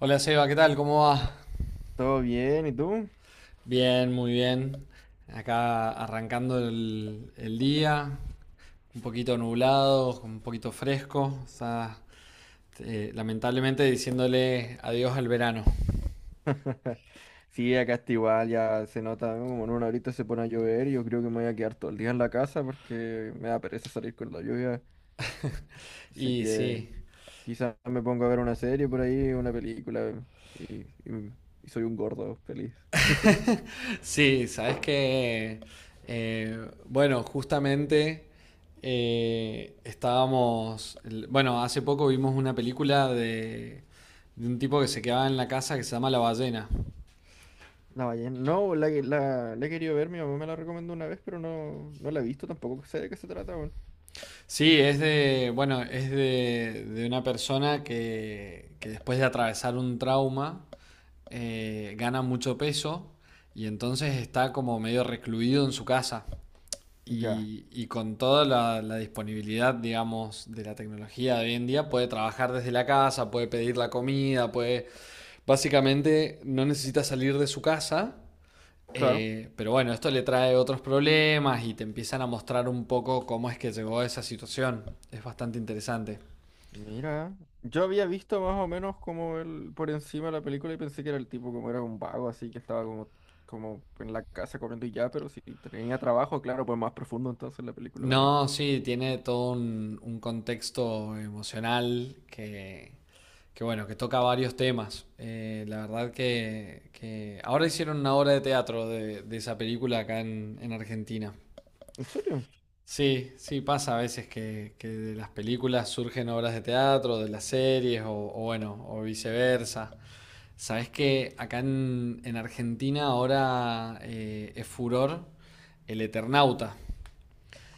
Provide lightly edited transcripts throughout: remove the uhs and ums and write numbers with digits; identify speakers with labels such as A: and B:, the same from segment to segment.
A: Hola Seba, ¿qué tal? ¿Cómo va?
B: ¿Todo bien? ¿Y tú?
A: Bien, muy bien. Acá arrancando el día, un poquito nublado, un poquito fresco. O sea, lamentablemente diciéndole adiós al verano.
B: Sí, acá está igual, ya se nota, ¿no? Como en una horita se pone a llover y yo creo que me voy a quedar todo el día en la casa porque me da pereza salir con la lluvia. Así
A: Y
B: que
A: sí,
B: quizás me pongo a ver una serie por ahí, una película y, y- y soy un gordo feliz.
A: sí, sabes que, bueno, justamente bueno, hace poco vimos una película de un tipo que se quedaba en la casa que se llama La Ballena.
B: La ballena. No, la, que- la he querido ver, mi mamá me la recomendó una vez, pero no la he visto tampoco, sé de qué se trata, weón.
A: Sí, es de, bueno, de una persona que después de atravesar un trauma gana mucho peso y entonces está como medio recluido en su casa.
B: Ya.
A: Y con toda la disponibilidad, digamos, de la tecnología de hoy en día, puede trabajar desde la casa, puede pedir la comida, puede... Básicamente no necesita salir de su casa,
B: Claro.
A: pero bueno, esto le trae otros problemas y te empiezan a mostrar un poco cómo es que llegó a esa situación. Es bastante interesante.
B: Mira, yo había visto más o menos como el, por encima de la película y pensé que era el tipo como era un vago, así que estaba como, como en la casa comiendo y ya, pero si tenía trabajo, claro, pues más profundo entonces la película, weón.
A: No, sí, tiene todo un contexto emocional bueno, que toca varios temas. La verdad que ahora hicieron una obra de teatro de esa película acá en Argentina.
B: ¿En serio?
A: Sí, sí, pasa a veces que de las películas surgen obras de teatro, de las series o bueno, o viceversa. Sabes que acá en Argentina ahora es furor el Eternauta.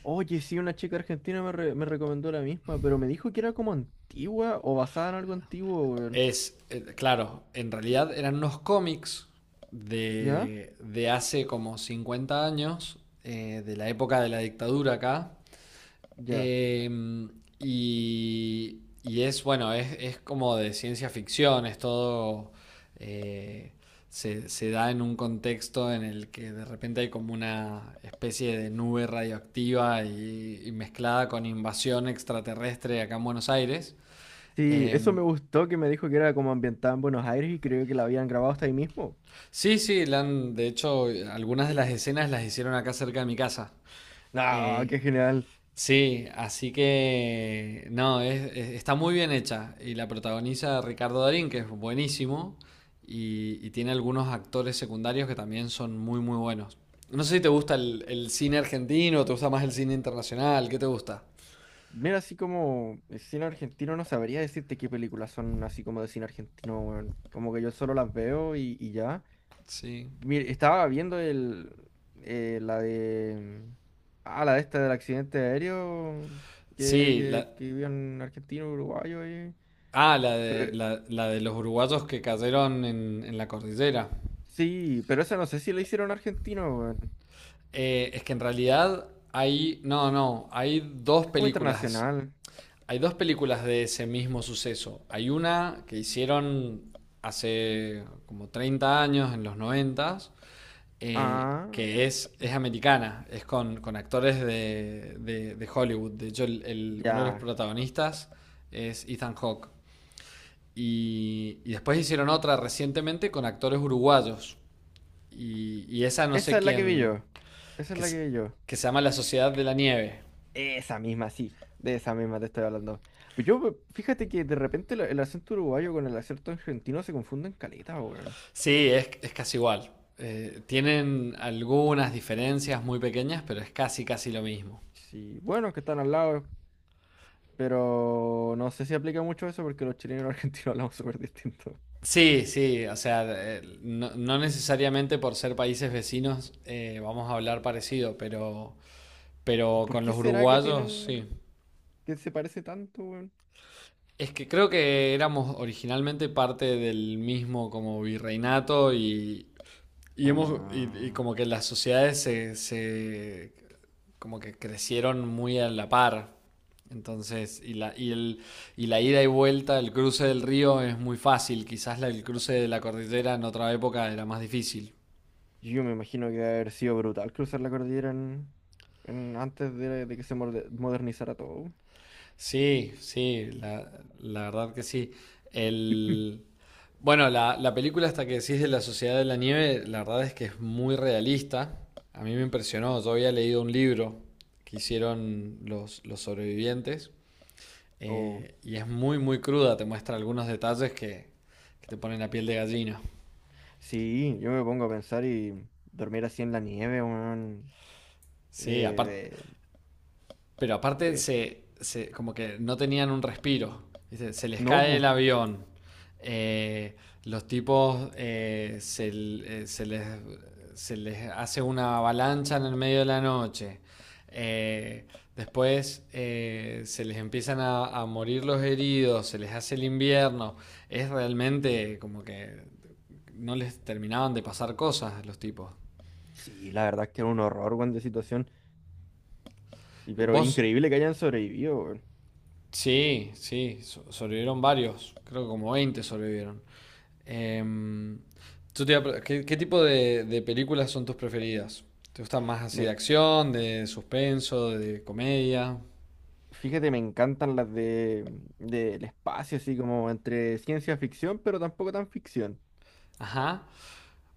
B: Oye, sí, una chica argentina me recomendó la misma, pero me dijo que era como antigua o basada en algo antiguo, weón.
A: Es, claro, en realidad eran unos cómics
B: ¿Ya?
A: de hace como 50 años, de la época de la dictadura acá.
B: Ya.
A: Eh, y, y es, bueno, es como de ciencia ficción, es todo... eh, se da en un contexto en el que de repente hay como una especie de nube radioactiva y mezclada con invasión extraterrestre acá en Buenos Aires.
B: Sí, eso
A: Em,
B: me gustó que me dijo que era como ambientada en Buenos Aires y creo que la habían grabado hasta ahí mismo.
A: sí, sí, de hecho algunas de las escenas las hicieron acá cerca de mi casa.
B: No,
A: Eh,
B: qué genial.
A: Sí, así que no, está muy bien hecha y la protagoniza Ricardo Darín, que es buenísimo, y tiene algunos actores secundarios que también son muy, muy buenos. No sé si te gusta el cine argentino, te gusta más el cine internacional, ¿qué te gusta?
B: Mira, así como el cine argentino, no sabría decirte qué películas son así como de cine argentino, weón. Como que yo solo las veo y ya.
A: Sí.
B: Mira, estaba viendo el, la de... Ah, la de esta del accidente aéreo
A: Sí, la,
B: que vivió en argentino, uruguayo.
A: ah, la de,
B: Pero,
A: la de los uruguayos que cayeron en la cordillera.
B: sí, pero esa no sé si la hicieron argentino, weón.
A: Es que en realidad hay, no, no, hay dos
B: Es como
A: películas.
B: internacional.
A: Hay dos películas de ese mismo suceso. Hay una que hicieron hace como 30 años, en los noventas,
B: Ah,
A: que es americana, es con actores de Hollywood. De hecho, uno de los
B: ya.
A: protagonistas es Ethan Hawke. Y después hicieron otra recientemente con actores uruguayos. Y esa no
B: Esa
A: sé
B: es la que vi
A: quién,
B: yo. Esa es
A: que,
B: la que vi yo.
A: que se llama La Sociedad de la Nieve.
B: Esa misma, sí. De esa misma te estoy hablando. Pero yo, pues, fíjate que de repente el acento uruguayo con el acento argentino se confunden caleta, weón.
A: Sí, es casi igual. Tienen algunas diferencias muy pequeñas, pero es casi, casi lo mismo.
B: Sí, bueno, que están al lado, pero no sé si aplica mucho eso porque los chilenos y los argentinos hablamos súper distintos.
A: Sí, sí, o sea, no, no necesariamente por ser países vecinos vamos a hablar parecido,
B: ¿Y
A: pero
B: por
A: con
B: qué
A: los
B: será que
A: uruguayos sí.
B: tienen, que se parece tanto, weón?
A: Es que creo que éramos originalmente parte del mismo como virreinato y, hemos, y
B: Ah,
A: como que las sociedades como que crecieron muy a la par. Entonces, y la ida y vuelta, el cruce del río es muy fácil. Quizás el cruce de la cordillera en otra época era más difícil.
B: yo me imagino que debe haber sido brutal cruzar la cordillera en, antes de que se modernizara todo.
A: Sí, sí, la verdad que sí. El, bueno, la película hasta que decís de la Sociedad de la Nieve, la verdad es que es muy realista. A mí me impresionó, yo había leído un libro que hicieron los sobrevivientes.
B: O
A: Y es muy, muy cruda, te muestra algunos detalles que te ponen la piel de gallina.
B: sí, yo me pongo a pensar y dormir así en la nieve, weón.
A: Sí, aparte,
B: eh,
A: pero aparte
B: de, es-
A: como que no tenían un respiro. ¿Viste? Se les
B: No,
A: cae el
B: pues.
A: avión. eh, los tipos, eh, se les, se les hace una avalancha en el medio de la noche. eh, Después, se les empiezan a morir los heridos, se les hace el invierno. Es realmente como que no les terminaban de pasar cosas a los tipos.
B: Sí, la verdad es que era un horror, weón, de situación. Y pero
A: Vos,
B: increíble que hayan sobrevivido, weón.
A: sí, sí, sobrevivieron varios, creo que como 20 sobrevivieron. Em, yo te iba a ¿qué, qué tipo de películas son tus preferidas? ¿Te gustan más así de
B: Me...
A: acción, de suspenso, de comedia?
B: Fíjate, me encantan las de del espacio, así como entre ciencia ficción, pero tampoco tan ficción.
A: Ajá.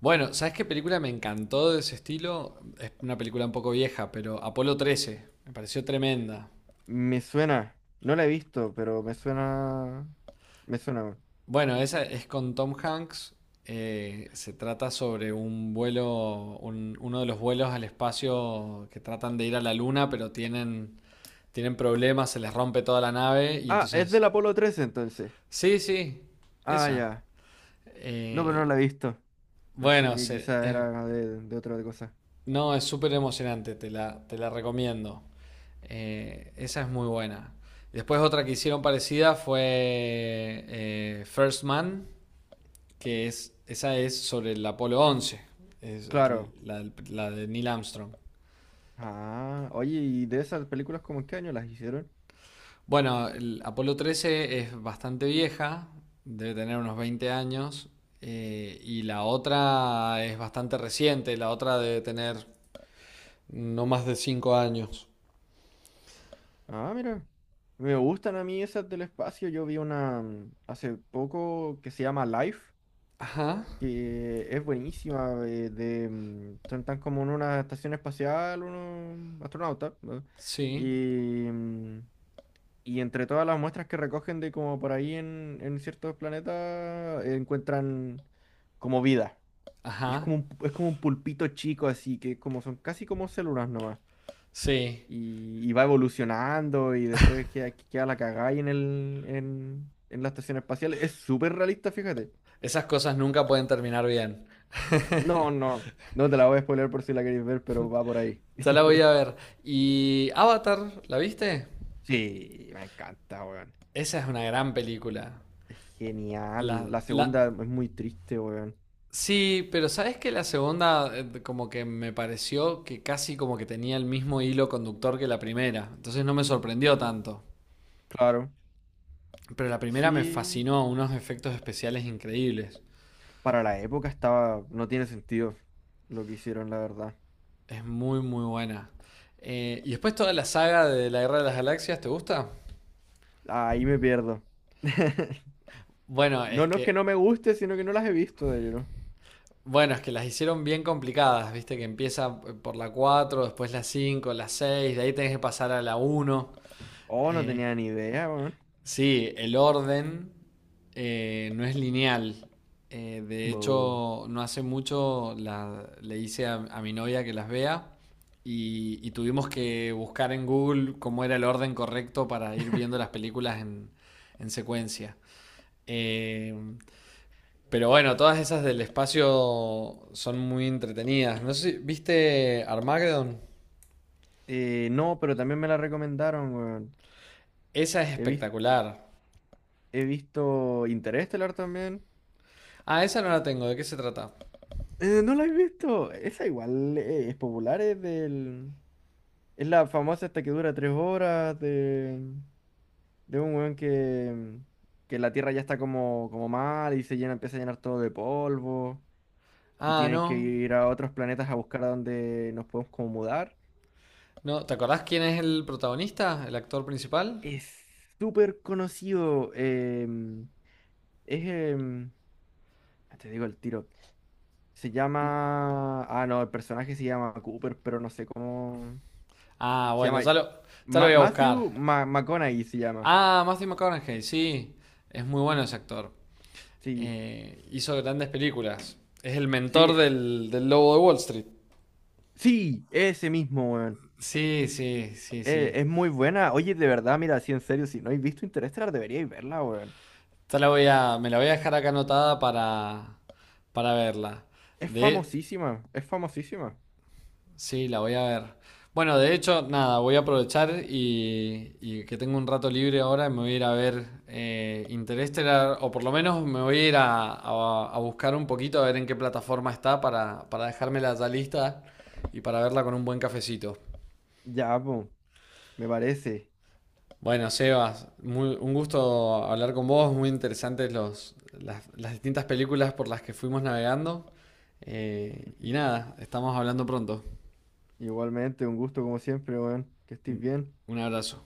A: Bueno, ¿sabes qué película me encantó de ese estilo? Es una película un poco vieja, pero Apolo 13, me pareció tremenda.
B: Me suena, no la he visto, pero me suena. Me suena, weón.
A: Bueno, esa es con Tom Hanks. Se trata sobre un vuelo, uno de los vuelos al espacio que tratan de ir a la luna, pero tienen, tienen problemas, se les rompe toda la nave y
B: Ah, es
A: entonces...
B: del Apolo 13 entonces.
A: Sí, sí,
B: Ah,
A: esa.
B: ya. No, pero no
A: Eh,
B: la he visto. Pensé
A: bueno,
B: que
A: se-
B: quizá
A: es-
B: era de otra cosa.
A: no, es súper emocionante, te la recomiendo. Esa es muy buena. Después otra que hicieron parecida fue, First Man. Que es, esa es sobre el Apolo once, es
B: Claro.
A: la de Neil Armstrong.
B: Ah, oye, ¿y de esas películas como en qué año las hicieron?
A: Bueno, el Apolo trece es bastante vieja, debe tener unos 20 años, y la otra es bastante reciente, la otra debe tener no más de 5 años.
B: Ah, mira. Me gustan a mí esas del espacio. Yo vi una hace poco que se llama Life,
A: Ajá,
B: que es buenísima. Son tan como en una estación espacial, unos astronautas, ¿no?
A: sí,
B: Y, mm, y entre todas las muestras que recogen de como por ahí en ciertos planetas, encuentran como vida. Y
A: ajá,
B: es como un pulpito chico así, que como son casi como células nomás.
A: sí.
B: Y, y va evolucionando y después queda, queda la cagada ahí en el, en la estación espacial. Es súper realista, fíjate.
A: Esas cosas nunca pueden terminar bien.
B: No, no, no te la voy a spoiler por si la queréis ver, pero va por ahí.
A: Ya la voy a ver. ¿Y Avatar, la viste?
B: Sí, me encanta, weón.
A: Esa es una gran película.
B: Es
A: La,
B: genial. La
A: la,
B: segunda es muy triste, weón.
A: Sí, pero sabes que la segunda, como que me pareció que casi como que tenía el mismo hilo conductor que la primera, entonces no me sorprendió tanto.
B: Claro.
A: Pero la primera me
B: Sí.
A: fascinó, unos efectos especiales increíbles.
B: Para la época estaba. No tiene sentido lo que hicieron, la verdad.
A: Es muy muy buena. Y después toda la saga de la Guerra de las Galaxias, ¿te gusta?
B: Ahí me pierdo.
A: Bueno, es
B: No, no es que
A: que
B: no me guste, sino que no las he visto de lleno.
A: bueno, es que las hicieron bien complicadas, viste que empieza, por la 4, después la 5, la 6, de ahí tenés que pasar a la uno.
B: Oh, no
A: Eh,
B: tenía ni idea, weón.
A: Sí, el orden, no es lineal. De
B: Buh.
A: hecho, no hace mucho le hice a mi novia que las vea y tuvimos que buscar en Google cómo era el orden correcto para ir viendo las películas en secuencia. Eh, pero bueno, todas esas del espacio son muy entretenidas. No sé ¿viste Armageddon?
B: No, pero también me la recomendaron, weón.
A: Esa es
B: He visto,
A: espectacular.
B: he visto Interestelar también.
A: Ah, esa no la tengo. ¿De qué se trata?
B: ¿No la he visto? Esa igual es popular, es del... Es la famosa esta que dura tres horas de un weón que la Tierra ya está como, como mal y se llena, empieza a llenar todo de polvo y
A: Ah,
B: tienen que
A: no.
B: ir a otros planetas a buscar a dónde nos podemos como mudar.
A: No, ¿te acordás quién es el protagonista? ¿El actor principal?
B: Es súper conocido. Es... te digo el tiro. Se llama. Ah, no, el personaje se llama Cooper, pero no sé cómo.
A: Ah,
B: Se
A: bueno,
B: llama.
A: ya lo voy a buscar.
B: Matthew McConaughey se llama.
A: Ah, Matthew McConaughey, sí. Es muy bueno ese actor.
B: Sí,
A: Hizo grandes películas. Es el
B: sí,
A: mentor del lobo de Wall Street.
B: sí, ese mismo, weón.
A: Sí, sí, sí, sí.
B: Es muy buena. Oye, de verdad, mira, sí, en serio, si no habéis visto Interestelar, deberíais verla, weón.
A: Ya la voy a, me la voy a dejar acá anotada para verla.
B: Es
A: De,
B: famosísima, es famosísima.
A: sí, la voy a ver. Bueno, de hecho, nada, voy a aprovechar y que tengo un rato libre ahora y me voy a ir a ver, Interestelar, o por lo menos me voy a ir a buscar un poquito a ver en qué plataforma está para dejármela ya lista y para verla con un buen cafecito.
B: Ya, po, me parece.
A: Bueno, Sebas, un gusto hablar con vos, muy interesantes las distintas películas por las que fuimos navegando. Y nada, estamos hablando pronto.
B: Igualmente, un gusto como siempre, weón. Que estés bien.
A: Un abrazo.